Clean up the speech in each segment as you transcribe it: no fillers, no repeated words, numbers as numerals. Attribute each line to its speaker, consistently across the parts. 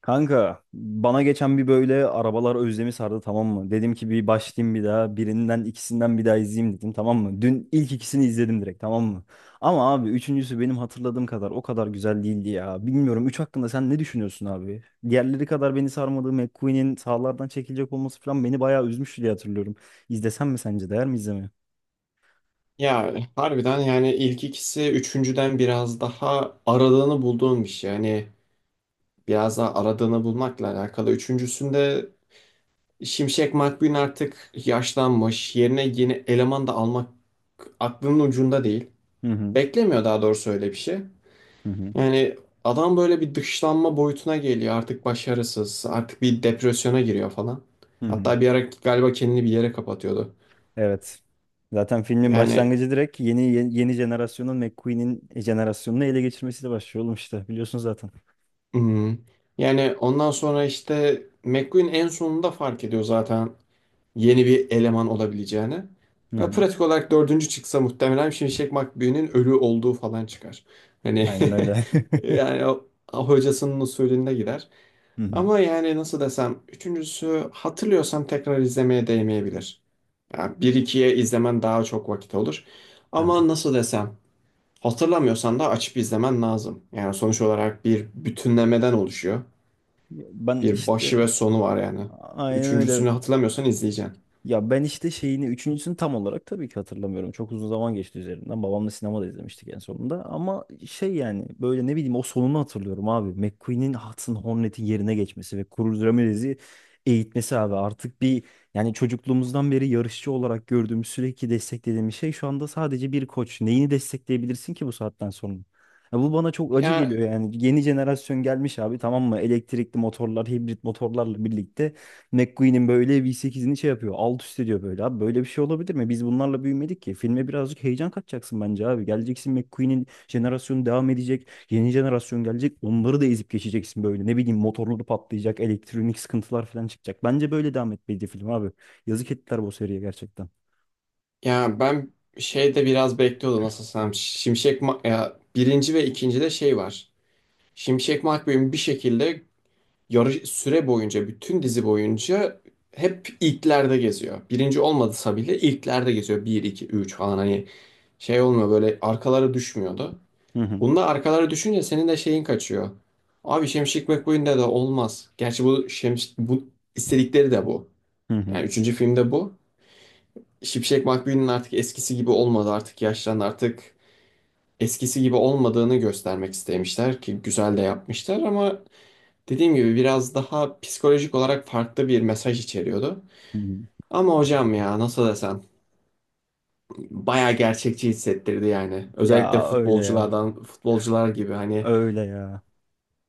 Speaker 1: Kanka bana geçen bir böyle arabalar özlemi sardı, tamam mı? Dedim ki bir başlayayım, bir daha birinden ikisinden bir daha izleyeyim dedim, tamam mı? Dün ilk ikisini izledim direkt, tamam mı? Ama abi üçüncüsü benim hatırladığım kadar o kadar güzel değildi ya. Bilmiyorum, üç hakkında sen ne düşünüyorsun abi? Diğerleri kadar beni sarmadığı, McQueen'in sahalardan çekilecek olması falan beni bayağı üzmüştü diye hatırlıyorum. İzlesem mi, sence değer mi izlemeye?
Speaker 2: Ya harbiden yani ilk ikisi üçüncüden biraz daha aradığını bulduğum bir şey. Yani biraz daha aradığını bulmakla alakalı. Üçüncüsünde Şimşek McQueen artık yaşlanmış. Yerine yeni eleman da almak aklının ucunda değil.
Speaker 1: Hı hı,
Speaker 2: Beklemiyor daha doğrusu öyle bir şey.
Speaker 1: hı hı.
Speaker 2: Yani adam böyle bir dışlanma boyutuna geliyor. Artık başarısız. Artık bir depresyona giriyor falan.
Speaker 1: Hı hı.
Speaker 2: Hatta bir ara galiba kendini bir yere kapatıyordu.
Speaker 1: Evet. Zaten filmin
Speaker 2: Yani
Speaker 1: başlangıcı direkt yeni yeni, yeni jenerasyonun McQueen'in jenerasyonunu ele geçirmesiyle başlıyor oğlum, işte biliyorsun zaten.
Speaker 2: Hmm. Yani ondan sonra işte McQueen en sonunda fark ediyor zaten yeni bir eleman olabileceğini.
Speaker 1: Hı
Speaker 2: Ya
Speaker 1: hı.
Speaker 2: pratik olarak dördüncü çıksa muhtemelen Şimşek McQueen'in ölü olduğu falan çıkar. Hani
Speaker 1: Aynen öyle.
Speaker 2: yani o hocasının usulünde gider.
Speaker 1: Hı hı.
Speaker 2: Ama yani nasıl desem üçüncüsü hatırlıyorsam tekrar izlemeye değmeyebilir. Yani bir ikiye izlemen daha çok vakit olur. Ama
Speaker 1: Aha.
Speaker 2: nasıl desem hatırlamıyorsan da açıp izlemen lazım. Yani sonuç olarak bir bütünlemeden oluşuyor.
Speaker 1: Ben
Speaker 2: Bir
Speaker 1: işte
Speaker 2: başı ve sonu var yani.
Speaker 1: aynen öyle.
Speaker 2: Üçüncüsünü hatırlamıyorsan izleyeceksin.
Speaker 1: Ya ben işte şeyini üçüncüsünü tam olarak tabii ki hatırlamıyorum. Çok uzun zaman geçti üzerinden. Babamla sinemada izlemiştik en sonunda. Ama şey yani böyle ne bileyim o sonunu hatırlıyorum abi. McQueen'in Hudson Hornet'in yerine geçmesi ve Cruz Ramirez'i eğitmesi abi. Artık bir, yani çocukluğumuzdan beri yarışçı olarak gördüğümüz, sürekli desteklediğimiz şey şu anda sadece bir koç. Neyini destekleyebilirsin ki bu saatten sonra? Ya bu bana çok acı
Speaker 2: Ya
Speaker 1: geliyor yani. Yeni jenerasyon gelmiş abi, tamam mı? Elektrikli motorlar, hibrit motorlarla birlikte McQueen'in böyle V8'ini şey yapıyor. Alt üst ediyor böyle. Abi böyle bir şey olabilir mi? Biz bunlarla büyümedik ki. Filme birazcık heyecan katacaksın bence abi. Geleceksin, McQueen'in jenerasyonu devam edecek. Yeni jenerasyon gelecek. Onları da ezip geçeceksin böyle. Ne bileyim motorları patlayacak. Elektronik sıkıntılar falan çıkacak. Bence böyle devam etmeliydi film abi. Yazık ettiler bu seriye gerçekten.
Speaker 2: ya ben şeyde biraz bekliyordum nasıl desem. Ya birinci ve ikincide şey var. Şimşek McQueen bir şekilde yarı süre boyunca bütün dizi boyunca hep ilklerde geziyor. Birinci olmadısa bile ilklerde geziyor. Bir 2 3 falan hani şey olmuyor, böyle arkalara düşmüyordu.
Speaker 1: Hı hı.
Speaker 2: Bunda arkalara düşünce senin de şeyin kaçıyor. Abi Şemşik McQueen'de de olmaz. Gerçi bu Şems bu istedikleri de bu.
Speaker 1: Hı hı.
Speaker 2: Yani üçüncü filmde bu. Şipşek McQueen'in artık eskisi gibi olmadı. Artık yaşlandı. Artık eskisi gibi olmadığını göstermek istemişler ki güzel de yapmışlar ama dediğim gibi biraz daha psikolojik olarak farklı bir mesaj içeriyordu.
Speaker 1: Hı hı.
Speaker 2: Ama hocam ya nasıl desem bayağı gerçekçi hissettirdi yani. Özellikle
Speaker 1: Ya öyle ya.
Speaker 2: futbolculardan futbolcular gibi hani
Speaker 1: Öyle ya.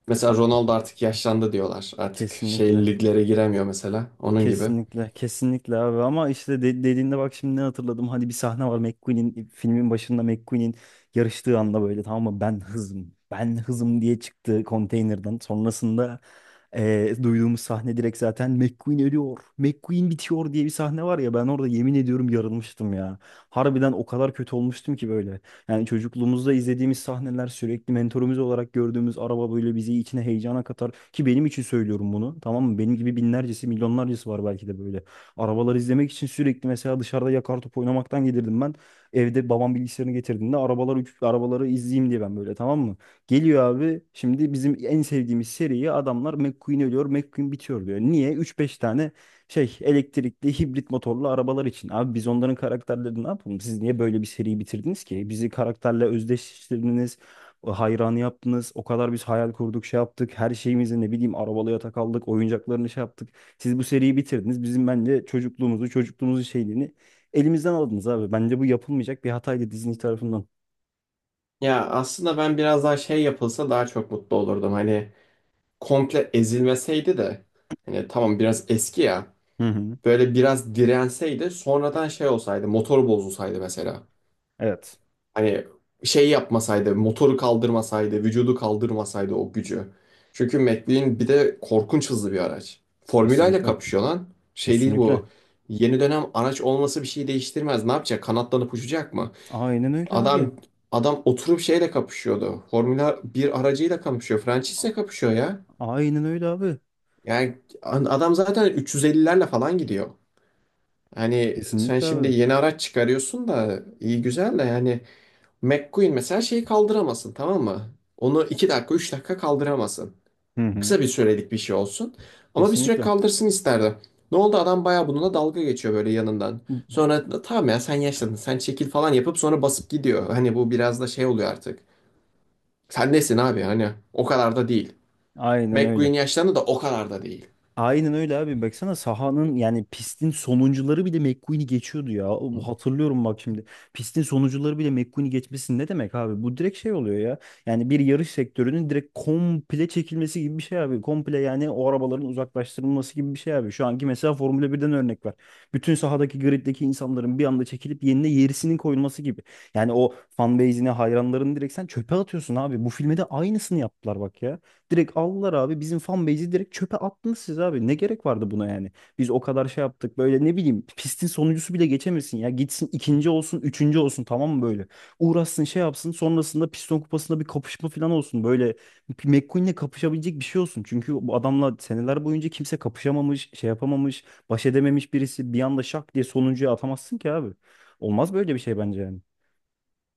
Speaker 2: mesela
Speaker 1: Ha-
Speaker 2: Ronaldo artık yaşlandı diyorlar. Artık şey
Speaker 1: Kesinlikle.
Speaker 2: liglere giremiyor mesela. Onun gibi.
Speaker 1: Kesinlikle, kesinlikle abi, ama işte dediğinde bak şimdi ne hatırladım. Hani bir sahne var, McQueen'in filmin başında, McQueen'in yarıştığı anda böyle, tamam mı, ben hızım, ben hızım diye çıktı konteynerden. Sonrasında duyduğumuz sahne direkt, zaten McQueen ölüyor, McQueen bitiyor diye bir sahne var ya, ben orada yemin ediyorum yarılmıştım ya. Harbiden o kadar kötü olmuştum ki böyle. Yani çocukluğumuzda izlediğimiz sahneler, sürekli mentorumuz olarak gördüğümüz araba böyle bizi içine, heyecana katar. Ki benim için söylüyorum bunu, tamam mı? Benim gibi binlercesi, milyonlarcası var belki de böyle. Arabaları izlemek için sürekli mesela, dışarıda yakar top oynamaktan gelirdim ben. Evde babam bilgisayarını getirdiğinde arabaları izleyeyim diye ben böyle, tamam mı? Geliyor abi, şimdi bizim en sevdiğimiz seriye adamlar McQueen ölüyor, McQueen bitiyor diyor. Niye? Üç beş tane şey, elektrikli hibrit motorlu arabalar için. Abi biz onların karakterlerini ne yapalım? Siz niye böyle bir seriyi bitirdiniz ki? Bizi karakterle özdeşleştirdiniz. Hayranı yaptınız. O kadar biz hayal kurduk, şey yaptık. Her şeyimizi, ne bileyim, arabalı yatak aldık. Oyuncaklarını şey yaptık. Siz bu seriyi bitirdiniz. Bizim bence çocukluğumuzu, çocukluğumuzun şeyliğini elimizden aldınız abi. Bence bu yapılmayacak bir hataydı Disney tarafından.
Speaker 2: Ya aslında ben biraz daha şey yapılsa daha çok mutlu olurdum. Hani komple ezilmeseydi de hani tamam biraz eski ya.
Speaker 1: Hı hı.
Speaker 2: Böyle biraz direnseydi, sonradan şey olsaydı, motoru bozulsaydı mesela.
Speaker 1: Evet.
Speaker 2: Hani şey yapmasaydı, motoru kaldırmasaydı, vücudu kaldırmasaydı o gücü. Çünkü McLaren bir de korkunç hızlı bir araç. Formula ile
Speaker 1: Kesinlikle.
Speaker 2: kapışıyor lan. Şey değil bu.
Speaker 1: Kesinlikle.
Speaker 2: Yeni dönem araç olması bir şey değiştirmez. Ne yapacak? Kanatlanıp uçacak mı?
Speaker 1: Aynen öyle abi.
Speaker 2: Adam, adam oturup şeyle kapışıyordu. Formula bir aracıyla kapışıyor. Francis'le kapışıyor ya.
Speaker 1: Aynen öyle abi.
Speaker 2: Yani adam zaten 350'lerle falan gidiyor. Hani sen
Speaker 1: Kesinlikle
Speaker 2: şimdi
Speaker 1: abi.
Speaker 2: yeni araç çıkarıyorsun da iyi güzel de yani McQueen mesela şeyi kaldıramasın tamam mı? Onu 2 dakika 3 dakika kaldıramasın.
Speaker 1: Hı hı.
Speaker 2: Kısa bir sürelik bir şey olsun. Ama bir süre
Speaker 1: Kesinlikle.
Speaker 2: kaldırsın isterdi. Ne oldu adam bayağı bununla dalga geçiyor böyle yanından. Sonra tamam ya sen yaşlandın sen çekil falan yapıp sonra basıp gidiyor. Hani bu biraz da şey oluyor artık. Sen nesin abi, hani o kadar da değil.
Speaker 1: Aynen
Speaker 2: McQueen
Speaker 1: öyle.
Speaker 2: yaşlandı da o kadar da değil.
Speaker 1: Aynen öyle abi. Baksana sahanın, yani pistin sonuncuları bile McQueen'i geçiyordu ya. Hatırlıyorum bak şimdi. Pistin sonuncuları bile McQueen'i geçmesi ne demek abi? Bu direkt şey oluyor ya. Yani bir yarış sektörünün direkt komple çekilmesi gibi bir şey abi. Komple, yani o arabaların uzaklaştırılması gibi bir şey abi. Şu anki mesela Formula 1'den örnek var. Bütün sahadaki, griddeki insanların bir anda çekilip yerine yerisinin koyulması gibi. Yani o fan base'ine, hayranlarını direkt sen çöpe atıyorsun abi. Bu filme de aynısını yaptılar bak ya. Direkt aldılar abi. Bizim fan base'i direkt çöpe attınız siz abi. Ne gerek vardı buna yani? Biz o kadar şey yaptık. Böyle ne bileyim, pistin sonuncusu bile geçemesin ya. Gitsin ikinci olsun, üçüncü olsun tamam mı böyle? Uğraşsın şey yapsın. Sonrasında piston kupasında bir kapışma falan olsun. Böyle McQueen'le kapışabilecek bir şey olsun. Çünkü bu adamla seneler boyunca kimse kapışamamış, şey yapamamış, baş edememiş birisi. Bir anda şak diye sonuncuya atamazsın ki abi. Olmaz böyle bir şey bence yani.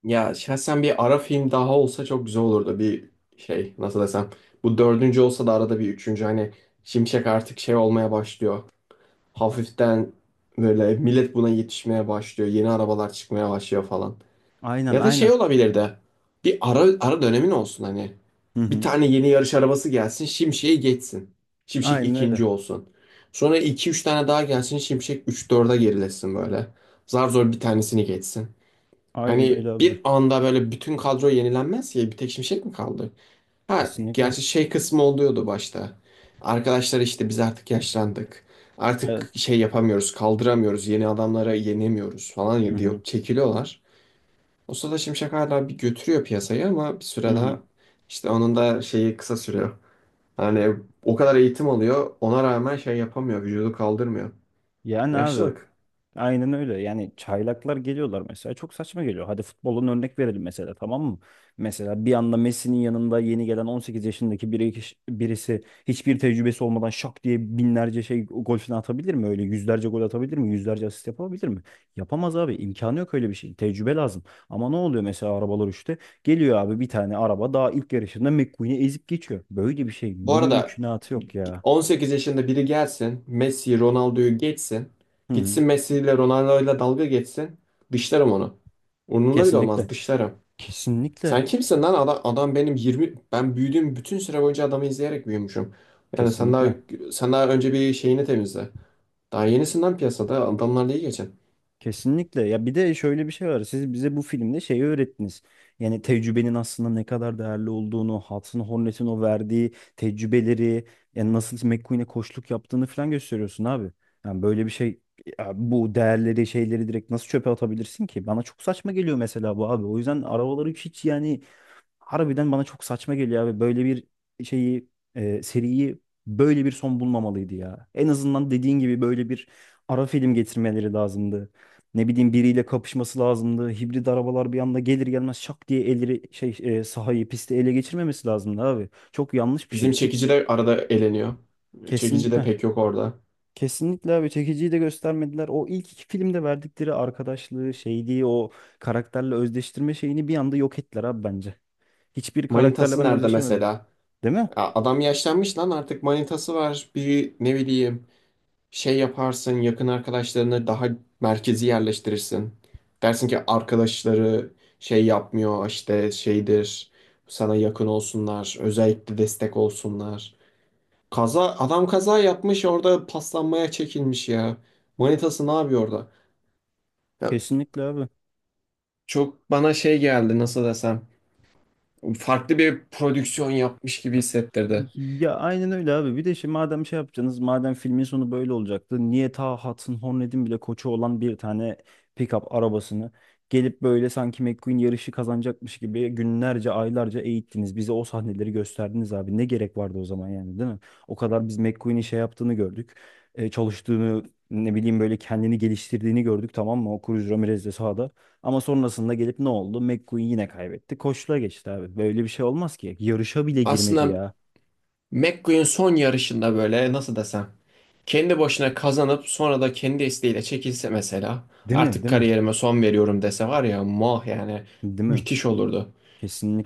Speaker 2: Ya şahsen bir ara film daha olsa çok güzel olurdu. Bir şey nasıl desem. Bu dördüncü olsa da arada bir üçüncü hani Şimşek artık şey olmaya başlıyor. Hafiften böyle millet buna yetişmeye başlıyor. Yeni arabalar çıkmaya başlıyor falan.
Speaker 1: Aynen,
Speaker 2: Ya da şey
Speaker 1: aynen.
Speaker 2: olabilir de bir ara, ara dönemin olsun hani.
Speaker 1: Hı
Speaker 2: Bir
Speaker 1: hı.
Speaker 2: tane yeni yarış arabası gelsin, Şimşek'i geçsin. Şimşek
Speaker 1: Aynen öyle.
Speaker 2: ikinci olsun. Sonra iki üç tane daha gelsin, Şimşek üç 4'e gerilesin böyle. Zar zor bir tanesini geçsin.
Speaker 1: Aynen
Speaker 2: Hani
Speaker 1: öyle abi.
Speaker 2: bir anda böyle bütün kadro yenilenmez ya, bir tek Şimşek mi kaldı? Ha,
Speaker 1: Kesinlikle.
Speaker 2: gerçi şey kısmı oluyordu başta. Arkadaşlar işte biz artık yaşlandık.
Speaker 1: Evet.
Speaker 2: Artık şey yapamıyoruz, kaldıramıyoruz, yeni adamlara yenemiyoruz
Speaker 1: Hı
Speaker 2: falan
Speaker 1: hı.
Speaker 2: diyor, çekiliyorlar. O sırada Şimşek hala bir götürüyor piyasayı ama bir
Speaker 1: Hı
Speaker 2: süre daha
Speaker 1: hı.
Speaker 2: işte onun da şeyi kısa sürüyor. Hani o kadar eğitim alıyor, ona rağmen şey yapamıyor, vücudu kaldırmıyor.
Speaker 1: Yani abi
Speaker 2: Yaşlılık.
Speaker 1: aynen öyle. Yani çaylaklar geliyorlar mesela. Çok saçma geliyor. Hadi futbolun örnek verelim mesela, tamam mı? Mesela bir anda Messi'nin yanında yeni gelen 18 yaşındaki birisi hiçbir tecrübesi olmadan şak diye binlerce şey gol falan atabilir mi? Öyle yüzlerce gol atabilir mi? Yüzlerce asist yapabilir mi? Yapamaz abi. İmkanı yok öyle bir şey. Tecrübe lazım. Ama ne oluyor mesela arabalar işte? Geliyor abi, bir tane araba daha ilk yarışında McQueen'i ezip geçiyor. Böyle bir şey
Speaker 2: Bu arada
Speaker 1: mümkünatı yok ya.
Speaker 2: 18 yaşında biri gelsin, Messi, Ronaldo'yu geçsin.
Speaker 1: Hı hı.
Speaker 2: Gitsin Messi ile Ronaldo ile dalga geçsin. Dışlarım onu. Umurumda bile olmaz,
Speaker 1: Kesinlikle.
Speaker 2: dışlarım. Sen
Speaker 1: Kesinlikle.
Speaker 2: kimsin lan? Adam, adam benim 20... Ben büyüdüğüm bütün süre boyunca adamı izleyerek büyümüşüm. Yani sen daha,
Speaker 1: Kesinlikle.
Speaker 2: sen daha önce bir şeyini temizle. Daha yenisinden piyasada. Adamlarla iyi geçin.
Speaker 1: Kesinlikle. Ya bir de şöyle bir şey var. Siz bize bu filmde şeyi öğrettiniz. Yani tecrübenin aslında ne kadar değerli olduğunu, Hudson Hornet'in o verdiği tecrübeleri, yani nasıl McQueen'e koçluk yaptığını falan gösteriyorsun abi. Yani böyle bir şey, ya bu değerleri, şeyleri direkt nasıl çöpe atabilirsin ki? Bana çok saçma geliyor mesela bu abi. O yüzden arabaları hiç, yani harbiden bana çok saçma geliyor abi. Böyle bir şeyi, seriyi böyle bir son bulmamalıydı ya. En azından dediğin gibi böyle bir ara film getirmeleri lazımdı. Ne bileyim biriyle kapışması lazımdı. Hibrit arabalar bir anda gelir gelmez şak diye elleri şey, sahayı, pisti ele geçirmemesi lazımdı abi. Çok yanlış bir
Speaker 2: Bizim
Speaker 1: şey ki
Speaker 2: çekici de arada eleniyor. Çekici de
Speaker 1: kesinlikle.
Speaker 2: pek yok orada.
Speaker 1: Kesinlikle abi, çekiciyi de göstermediler. O ilk iki filmde verdikleri arkadaşlığı şeydi, o karakterle özdeştirme şeyini bir anda yok ettiler abi bence. Hiçbir karakterle
Speaker 2: Manitası
Speaker 1: ben
Speaker 2: nerede
Speaker 1: özdeşemedim.
Speaker 2: mesela?
Speaker 1: Değil mi?
Speaker 2: Ya adam yaşlanmış lan, artık manitası var. Bir ne bileyim şey yaparsın, yakın arkadaşlarını daha merkezi yerleştirirsin. Dersin ki arkadaşları şey yapmıyor işte şeydir, sana yakın olsunlar, özellikle destek olsunlar. Kaza adam kaza yapmış orada, paslanmaya çekilmiş ya. Manitası ne yapıyor orada? Ya
Speaker 1: Kesinlikle abi.
Speaker 2: çok bana şey geldi nasıl desem, farklı bir prodüksiyon yapmış gibi hissettirdi.
Speaker 1: Ya aynen öyle abi. Bir de şimdi madem şey yapacaksınız, madem filmin sonu böyle olacaktı, niye ta Hudson Hornet'in bile koçu olan bir tane pickup arabasını gelip böyle sanki McQueen yarışı kazanacakmış gibi günlerce, aylarca eğittiniz. Bize o sahneleri gösterdiniz abi. Ne gerek vardı o zaman yani, değil mi? O kadar biz McQueen'in şey yaptığını gördük. Çalıştığını, ne bileyim böyle kendini geliştirdiğini gördük, tamam mı? O Cruz Ramirez de sahada. Ama sonrasında gelip ne oldu? McQueen yine kaybetti. Koçluğa geçti abi. Böyle bir şey olmaz ki. Yarışa bile girmedi
Speaker 2: Aslında
Speaker 1: ya.
Speaker 2: McQueen son yarışında böyle nasıl desem kendi başına kazanıp sonra da kendi isteğiyle çekilse mesela,
Speaker 1: Değil mi?
Speaker 2: artık
Speaker 1: Değil mi?
Speaker 2: kariyerime son veriyorum dese var ya mah yani
Speaker 1: Değil mi?
Speaker 2: müthiş olurdu.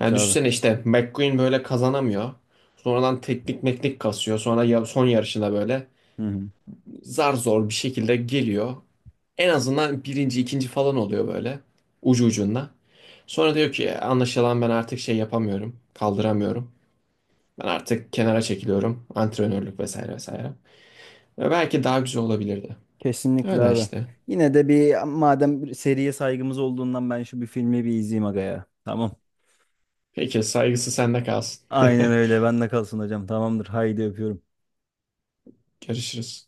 Speaker 2: Yani
Speaker 1: abi.
Speaker 2: düşünsene işte McQueen böyle kazanamıyor. Sonradan teknik meknik kasıyor. Sonra son yarışında böyle
Speaker 1: Hı hı.
Speaker 2: zar zor bir şekilde geliyor. En azından birinci, ikinci falan oluyor böyle ucu ucunda. Sonra diyor ki anlaşılan ben artık şey yapamıyorum, kaldıramıyorum. Ben artık kenara çekiliyorum. Antrenörlük vesaire vesaire. Ve belki daha güzel olabilirdi.
Speaker 1: Kesinlikle
Speaker 2: Öyle
Speaker 1: abi.
Speaker 2: işte.
Speaker 1: Yine de, bir madem bir seriye saygımız olduğundan, ben şu bir filmi bir izleyeyim aga ya. Tamam.
Speaker 2: Peki saygısı sende kalsın.
Speaker 1: Aynen öyle. Bende kalsın hocam. Tamamdır. Haydi öpüyorum.
Speaker 2: Görüşürüz.